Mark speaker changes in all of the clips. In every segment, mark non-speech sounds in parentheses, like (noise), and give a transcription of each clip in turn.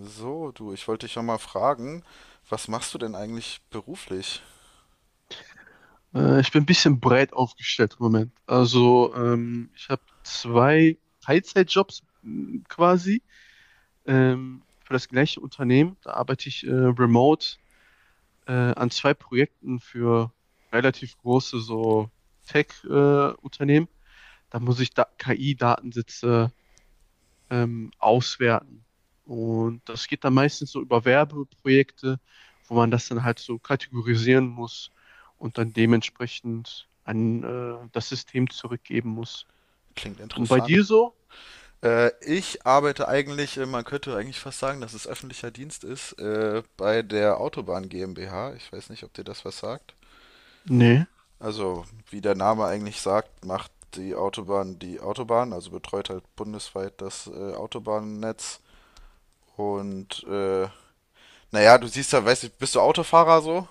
Speaker 1: So, du, ich wollte dich ja mal fragen, was machst du denn eigentlich beruflich?
Speaker 2: Ich bin ein bisschen breit aufgestellt im Moment. Also, ich habe zwei Teilzeitjobs quasi für das gleiche Unternehmen. Da arbeite ich remote an zwei Projekten für relativ große so Tech-Unternehmen. Da muss ich da KI-Datensätze auswerten. Und das geht dann meistens so über Werbeprojekte, wo man das dann halt so kategorisieren muss und dann dementsprechend an das System zurückgeben muss.
Speaker 1: Klingt
Speaker 2: Und bei
Speaker 1: interessant.
Speaker 2: dir so?
Speaker 1: Ich arbeite eigentlich, man könnte eigentlich fast sagen, dass es öffentlicher Dienst ist, bei der Autobahn GmbH. Ich weiß nicht, ob dir das was sagt.
Speaker 2: Nee.
Speaker 1: Also, wie der Name eigentlich sagt, macht die Autobahn, also betreut halt bundesweit das Autobahnnetz. Und naja, du siehst ja, weißt du, bist du Autofahrer so?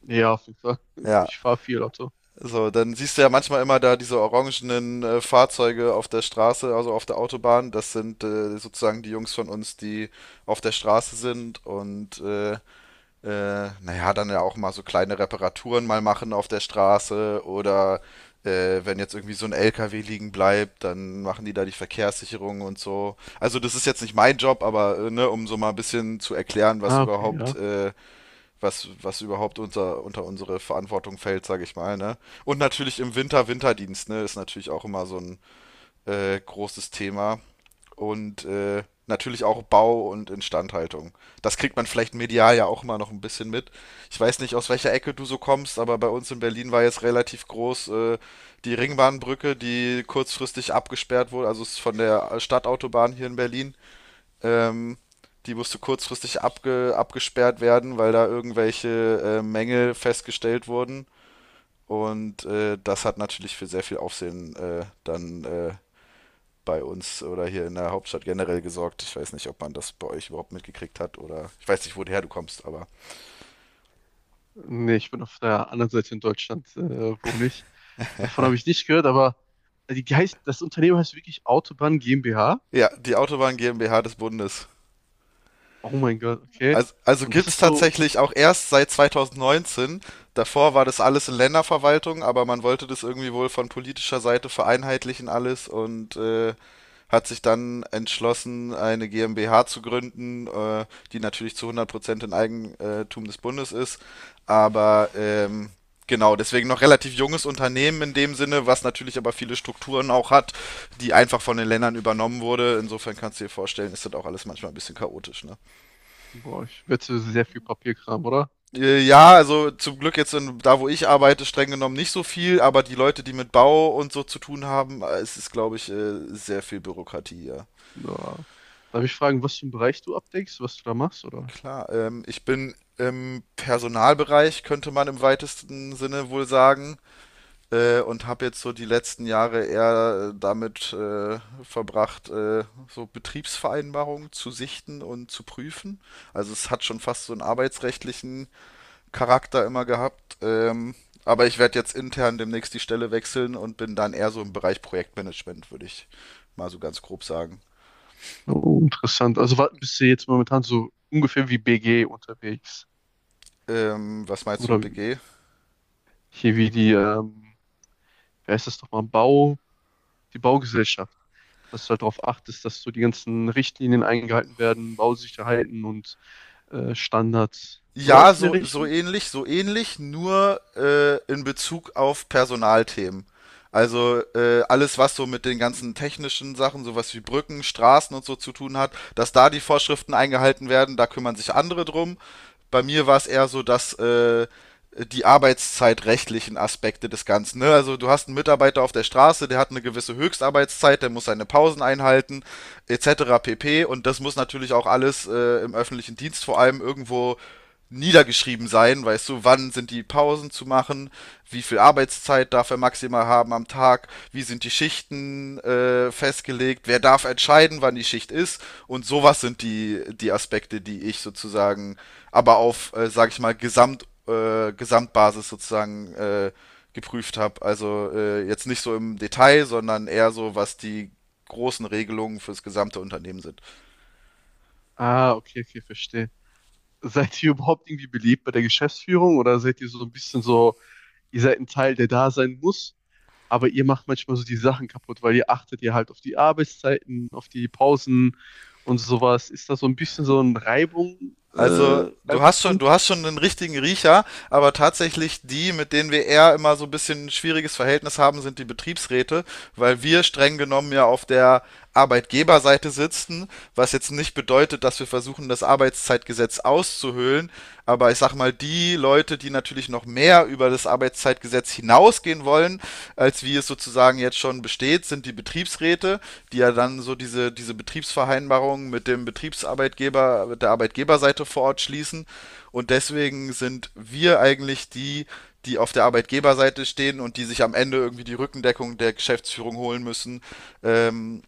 Speaker 2: Nee, ja, auf jeden Fall. (laughs)
Speaker 1: Ja,
Speaker 2: Ich fahre viel Auto.
Speaker 1: so, dann siehst du ja manchmal immer da diese orangenen Fahrzeuge auf der Straße, also auf der Autobahn. Das sind sozusagen die Jungs von uns, die auf der Straße sind und naja, dann ja auch mal so kleine Reparaturen mal machen auf der Straße oder wenn jetzt irgendwie so ein LKW liegen bleibt, dann machen die da die Verkehrssicherung und so. Also das ist jetzt nicht mein Job, aber ne, um so mal ein bisschen zu erklären, was
Speaker 2: Ah, okay,
Speaker 1: überhaupt
Speaker 2: ja.
Speaker 1: was überhaupt unter unsere Verantwortung fällt, sage ich mal. Ne? Und natürlich im Winter Winterdienst, ne, ist natürlich auch immer so ein großes Thema. Und natürlich auch Bau und Instandhaltung. Das kriegt man vielleicht medial ja auch immer noch ein bisschen mit. Ich weiß nicht, aus welcher Ecke du so kommst, aber bei uns in Berlin war jetzt relativ groß die Ringbahnbrücke, die kurzfristig abgesperrt wurde, also ist von der Stadtautobahn hier in Berlin ähm, die musste kurzfristig abgesperrt werden, weil da irgendwelche Mängel festgestellt wurden. Und das hat natürlich für sehr viel Aufsehen dann bei uns oder hier in der Hauptstadt generell gesorgt. Ich weiß nicht, ob man das bei euch überhaupt mitgekriegt hat oder ich weiß nicht, woher du kommst, aber
Speaker 2: Nee, ich bin auf der anderen Seite in Deutschland, wohne ich. Davon habe ich nicht gehört, aber die heißt, das Unternehmen heißt wirklich Autobahn GmbH.
Speaker 1: ja, die Autobahn GmbH des Bundes.
Speaker 2: Oh mein Gott, okay.
Speaker 1: Also
Speaker 2: Und das
Speaker 1: gibt es
Speaker 2: ist so.
Speaker 1: tatsächlich auch erst seit 2019. Davor war das alles in Länderverwaltung, aber man wollte das irgendwie wohl von politischer Seite vereinheitlichen alles und hat sich dann entschlossen, eine GmbH zu gründen, die natürlich zu 100% in Eigentum des Bundes ist. Aber genau, deswegen noch relativ junges Unternehmen in dem Sinne, was natürlich aber viele Strukturen auch hat, die einfach von den Ländern übernommen wurde. Insofern kannst du dir vorstellen, ist das auch alles manchmal ein bisschen chaotisch. Ne?
Speaker 2: Boah, ich wette, sehr viel Papierkram, oder?
Speaker 1: Ja, also zum Glück jetzt in, da, wo ich arbeite, streng genommen nicht so viel, aber die Leute, die mit Bau und so zu tun haben, es ist, glaube ich, sehr viel Bürokratie, ja.
Speaker 2: Ja. Darf ich fragen, was für einen Bereich du abdeckst, was du da machst, oder?
Speaker 1: Klar, ich bin im Personalbereich, könnte man im weitesten Sinne wohl sagen, und habe jetzt so die letzten Jahre eher damit verbracht, so Betriebsvereinbarungen zu sichten und zu prüfen. Also es hat schon fast so einen arbeitsrechtlichen Charakter immer gehabt. Aber ich werde jetzt intern demnächst die Stelle wechseln und bin dann eher so im Bereich Projektmanagement, würde ich mal so ganz grob sagen.
Speaker 2: Oh, interessant. Also bist du jetzt momentan so ungefähr wie BG unterwegs?
Speaker 1: Was meinst du,
Speaker 2: Oder
Speaker 1: BG?
Speaker 2: hier wie die, wie heißt das nochmal, die Baugesellschaft. Dass du halt darauf achtest, dass so die ganzen Richtlinien eingehalten werden, Bausicherheiten und Standards.
Speaker 1: Ja,
Speaker 2: Sowas in der
Speaker 1: so,
Speaker 2: Richtung?
Speaker 1: so ähnlich, nur in Bezug auf Personalthemen. Also alles, was so mit den ganzen technischen Sachen, sowas wie Brücken, Straßen und so zu tun hat, dass da die Vorschriften eingehalten werden, da kümmern sich andere drum. Bei mir war es eher so, dass die arbeitszeitrechtlichen Aspekte des Ganzen. Ne? Also du hast einen Mitarbeiter auf der Straße, der hat eine gewisse Höchstarbeitszeit, der muss seine Pausen einhalten, etc. pp. Und das muss natürlich auch alles im öffentlichen Dienst vor allem irgendwo niedergeschrieben sein, weißt du, wann sind die Pausen zu machen, wie viel Arbeitszeit darf er maximal haben am Tag, wie sind die Schichten festgelegt, wer darf entscheiden, wann die Schicht ist und sowas sind die Aspekte, die ich sozusagen, aber auf, sag ich mal, Gesamtbasis sozusagen geprüft habe. Also jetzt nicht so im Detail, sondern eher so, was die großen Regelungen fürs gesamte Unternehmen sind.
Speaker 2: Ah, okay, okay, verstehe. Seid ihr überhaupt irgendwie beliebt bei der Geschäftsführung oder seid ihr so ein bisschen so, ihr seid ein Teil, der da sein muss, aber ihr macht manchmal so die Sachen kaputt, weil ihr achtet ja halt auf die Arbeitszeiten, auf die Pausen und sowas. Ist das so ein bisschen so ein
Speaker 1: Also du hast schon,
Speaker 2: Reibungspunkt?
Speaker 1: du hast schon einen richtigen Riecher, aber tatsächlich die, mit denen wir eher immer so ein bisschen ein schwieriges Verhältnis haben, sind die Betriebsräte, weil wir streng genommen ja auf der Arbeitgeberseite sitzen, was jetzt nicht bedeutet, dass wir versuchen, das Arbeitszeitgesetz auszuhöhlen, aber ich sag mal, die Leute, die natürlich noch mehr über das Arbeitszeitgesetz hinausgehen vorgehen wollen, als wie es sozusagen jetzt schon besteht, sind die Betriebsräte, die ja dann so diese Betriebsvereinbarungen mit dem Betriebsarbeitgeber, mit der Arbeitgeberseite vor Ort schließen. Und deswegen sind wir eigentlich die, die auf der Arbeitgeberseite stehen und die sich am Ende irgendwie die Rückendeckung der Geschäftsführung holen müssen, ähm,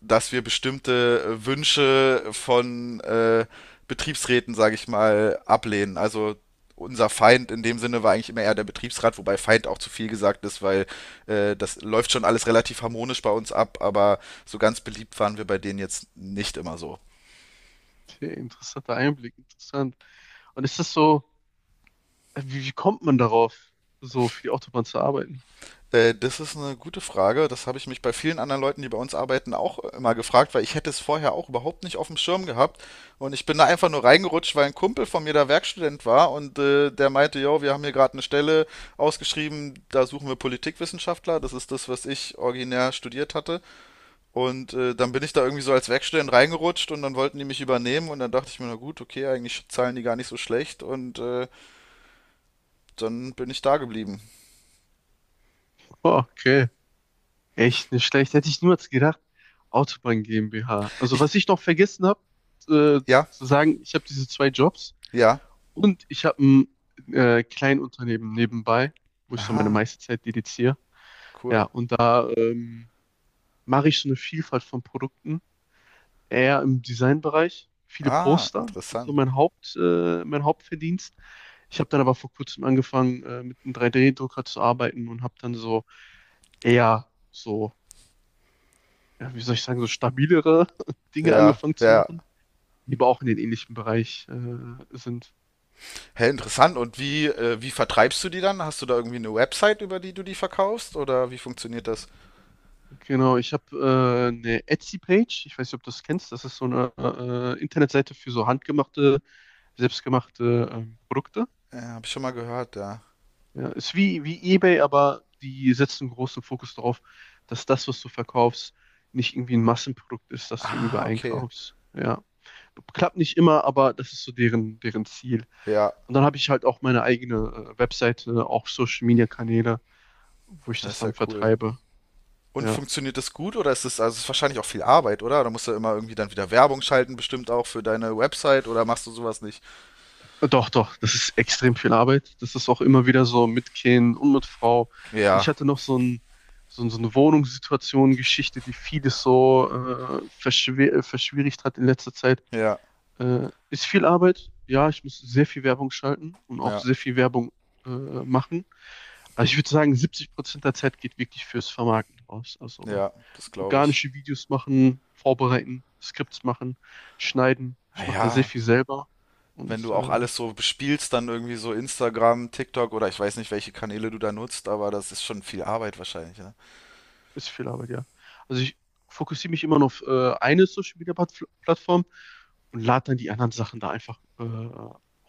Speaker 1: dass wir bestimmte Wünsche von Betriebsräten, sage ich mal, ablehnen. Also unser Feind in dem Sinne war eigentlich immer eher der Betriebsrat, wobei Feind auch zu viel gesagt ist, weil das läuft schon alles relativ harmonisch bei uns ab, aber so ganz beliebt waren wir bei denen jetzt nicht immer so.
Speaker 2: Okay, interessanter Einblick, interessant. Und ist das so, wie kommt man darauf, so für die Autobahn zu arbeiten?
Speaker 1: Das ist eine gute Frage. Das habe ich mich bei vielen anderen Leuten, die bei uns arbeiten, auch immer gefragt, weil ich hätte es vorher auch überhaupt nicht auf dem Schirm gehabt. Und ich bin da einfach nur reingerutscht, weil ein Kumpel von mir da Werkstudent war und der meinte, yo, wir haben hier gerade eine Stelle ausgeschrieben, da suchen wir Politikwissenschaftler. Das ist das, was ich originär studiert hatte. Und dann bin ich da irgendwie so als Werkstudent reingerutscht und dann wollten die mich übernehmen und dann dachte ich mir, na gut, okay, eigentlich zahlen die gar nicht so schlecht und dann bin ich da geblieben.
Speaker 2: Oh, okay. Echt nicht schlecht. Hätte ich niemals gedacht. Autobahn GmbH. Also
Speaker 1: Ich,
Speaker 2: was ich noch vergessen habe,
Speaker 1: ja,
Speaker 2: zu sagen, ich habe diese zwei Jobs
Speaker 1: ja.
Speaker 2: und ich habe ein Kleinunternehmen nebenbei, wo ich so meine
Speaker 1: Aha,
Speaker 2: meiste Zeit dediziere. Ja,
Speaker 1: cool.
Speaker 2: und da mache ich so eine Vielfalt von Produkten, eher im Designbereich, viele
Speaker 1: Ah,
Speaker 2: Poster. Das ist
Speaker 1: interessant.
Speaker 2: so mein mein Hauptverdienst. Ich habe dann aber vor kurzem angefangen, mit einem 3D-Drucker zu arbeiten und habe dann so eher so, ja, wie soll ich sagen, so stabilere (laughs) Dinge
Speaker 1: Ja,
Speaker 2: angefangen zu
Speaker 1: ja.
Speaker 2: machen, die aber auch in den ähnlichen Bereich sind.
Speaker 1: Hä, interessant. Und wie, wie vertreibst du die dann? Hast du da irgendwie eine Website, über die du die verkaufst? Oder wie funktioniert das?
Speaker 2: Genau, ich habe eine Etsy-Page. Ich weiß nicht, ob du das kennst. Das ist so eine Internetseite für so handgemachte, selbstgemachte Produkte.
Speaker 1: Hab ich schon mal gehört, ja.
Speaker 2: Ja, ist wie eBay, aber die setzen großen Fokus darauf, dass das, was du verkaufst, nicht irgendwie ein Massenprodukt ist, das du irgendwie
Speaker 1: Ah, okay.
Speaker 2: einkaufst. Ja, klappt nicht immer, aber das ist so deren Ziel.
Speaker 1: Ja,
Speaker 2: Und dann habe ich halt auch meine eigene Webseite, auch Social Media Kanäle, wo ich
Speaker 1: das
Speaker 2: das
Speaker 1: ist ja
Speaker 2: dann
Speaker 1: cool.
Speaker 2: vertreibe.
Speaker 1: Und
Speaker 2: Ja.
Speaker 1: funktioniert das gut oder ist es, also es ist wahrscheinlich auch viel Arbeit, oder? Da musst du ja immer irgendwie dann wieder Werbung schalten, bestimmt auch für deine Website oder machst du sowas nicht?
Speaker 2: Doch, doch, das ist extrem viel Arbeit. Das ist auch immer wieder so mit Kind und mit Frau. Und ich
Speaker 1: Ja,
Speaker 2: hatte noch so so eine Wohnungssituation, Geschichte, die vieles so verschwer verschwierigt hat in letzter Zeit.
Speaker 1: ja,
Speaker 2: Ist viel Arbeit. Ja, ich muss sehr viel Werbung schalten und auch
Speaker 1: ja,
Speaker 2: sehr viel Werbung machen. Also ich würde sagen, 70% der Zeit geht wirklich fürs Vermarkten draus. Also
Speaker 1: ja, das glaube ich.
Speaker 2: organische Videos machen, vorbereiten, Skripts machen, schneiden.
Speaker 1: Ah
Speaker 2: Ich mache da sehr
Speaker 1: ja,
Speaker 2: viel selber und
Speaker 1: wenn du auch alles so bespielst, dann irgendwie so Instagram, TikTok oder ich weiß nicht, welche Kanäle du da nutzt, aber das ist schon viel Arbeit wahrscheinlich, ne?
Speaker 2: ist viel Arbeit, ja. Also ich fokussiere mich immer nur auf eine Social Media Plattform und lade dann die anderen Sachen da einfach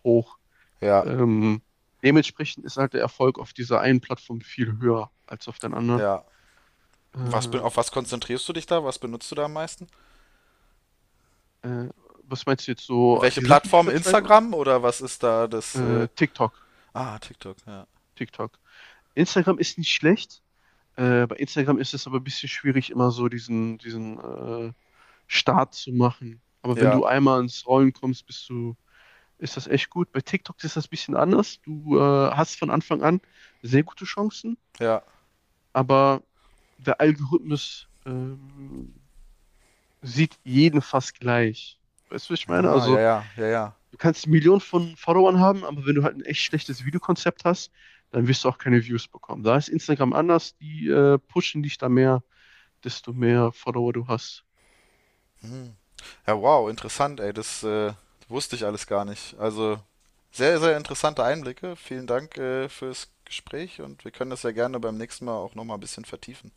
Speaker 2: hoch.
Speaker 1: Ja,
Speaker 2: Ähm, dementsprechend ist halt der Erfolg auf dieser einen Plattform viel höher als auf den anderen.
Speaker 1: ja.
Speaker 2: Äh,
Speaker 1: Auf was konzentrierst du dich da? Was benutzt du da am meisten?
Speaker 2: äh, Was meinst du jetzt so?
Speaker 1: Welche
Speaker 2: Die Sachen, die ich
Speaker 1: Plattform?
Speaker 2: vertreibe?
Speaker 1: Instagram oder was ist da das? Äh,
Speaker 2: TikTok.
Speaker 1: ah, TikTok, ja.
Speaker 2: TikTok. Instagram ist nicht schlecht. Bei Instagram ist es aber ein bisschen schwierig, immer so diesen Start zu machen. Aber wenn
Speaker 1: Ja,
Speaker 2: du einmal ins Rollen kommst, ist das echt gut. Bei TikTok ist das ein bisschen anders. Du hast von Anfang an sehr gute Chancen,
Speaker 1: ja.
Speaker 2: aber der Algorithmus sieht jeden fast gleich. Weißt du, was ich meine?
Speaker 1: Ah,
Speaker 2: Also,
Speaker 1: ja, ja, ja, ja.
Speaker 2: du kannst Millionen von Followern haben, aber wenn du halt ein echt schlechtes Videokonzept hast, dann wirst du auch keine Views bekommen. Da ist Instagram anders, die pushen dich da mehr, desto mehr Follower du hast.
Speaker 1: Hm. Ja, wow, interessant, ey. Das wusste ich alles gar nicht. Also sehr, sehr interessante Einblicke. Vielen Dank fürs Gespräch und wir können das ja gerne beim nächsten Mal auch nochmal ein bisschen vertiefen.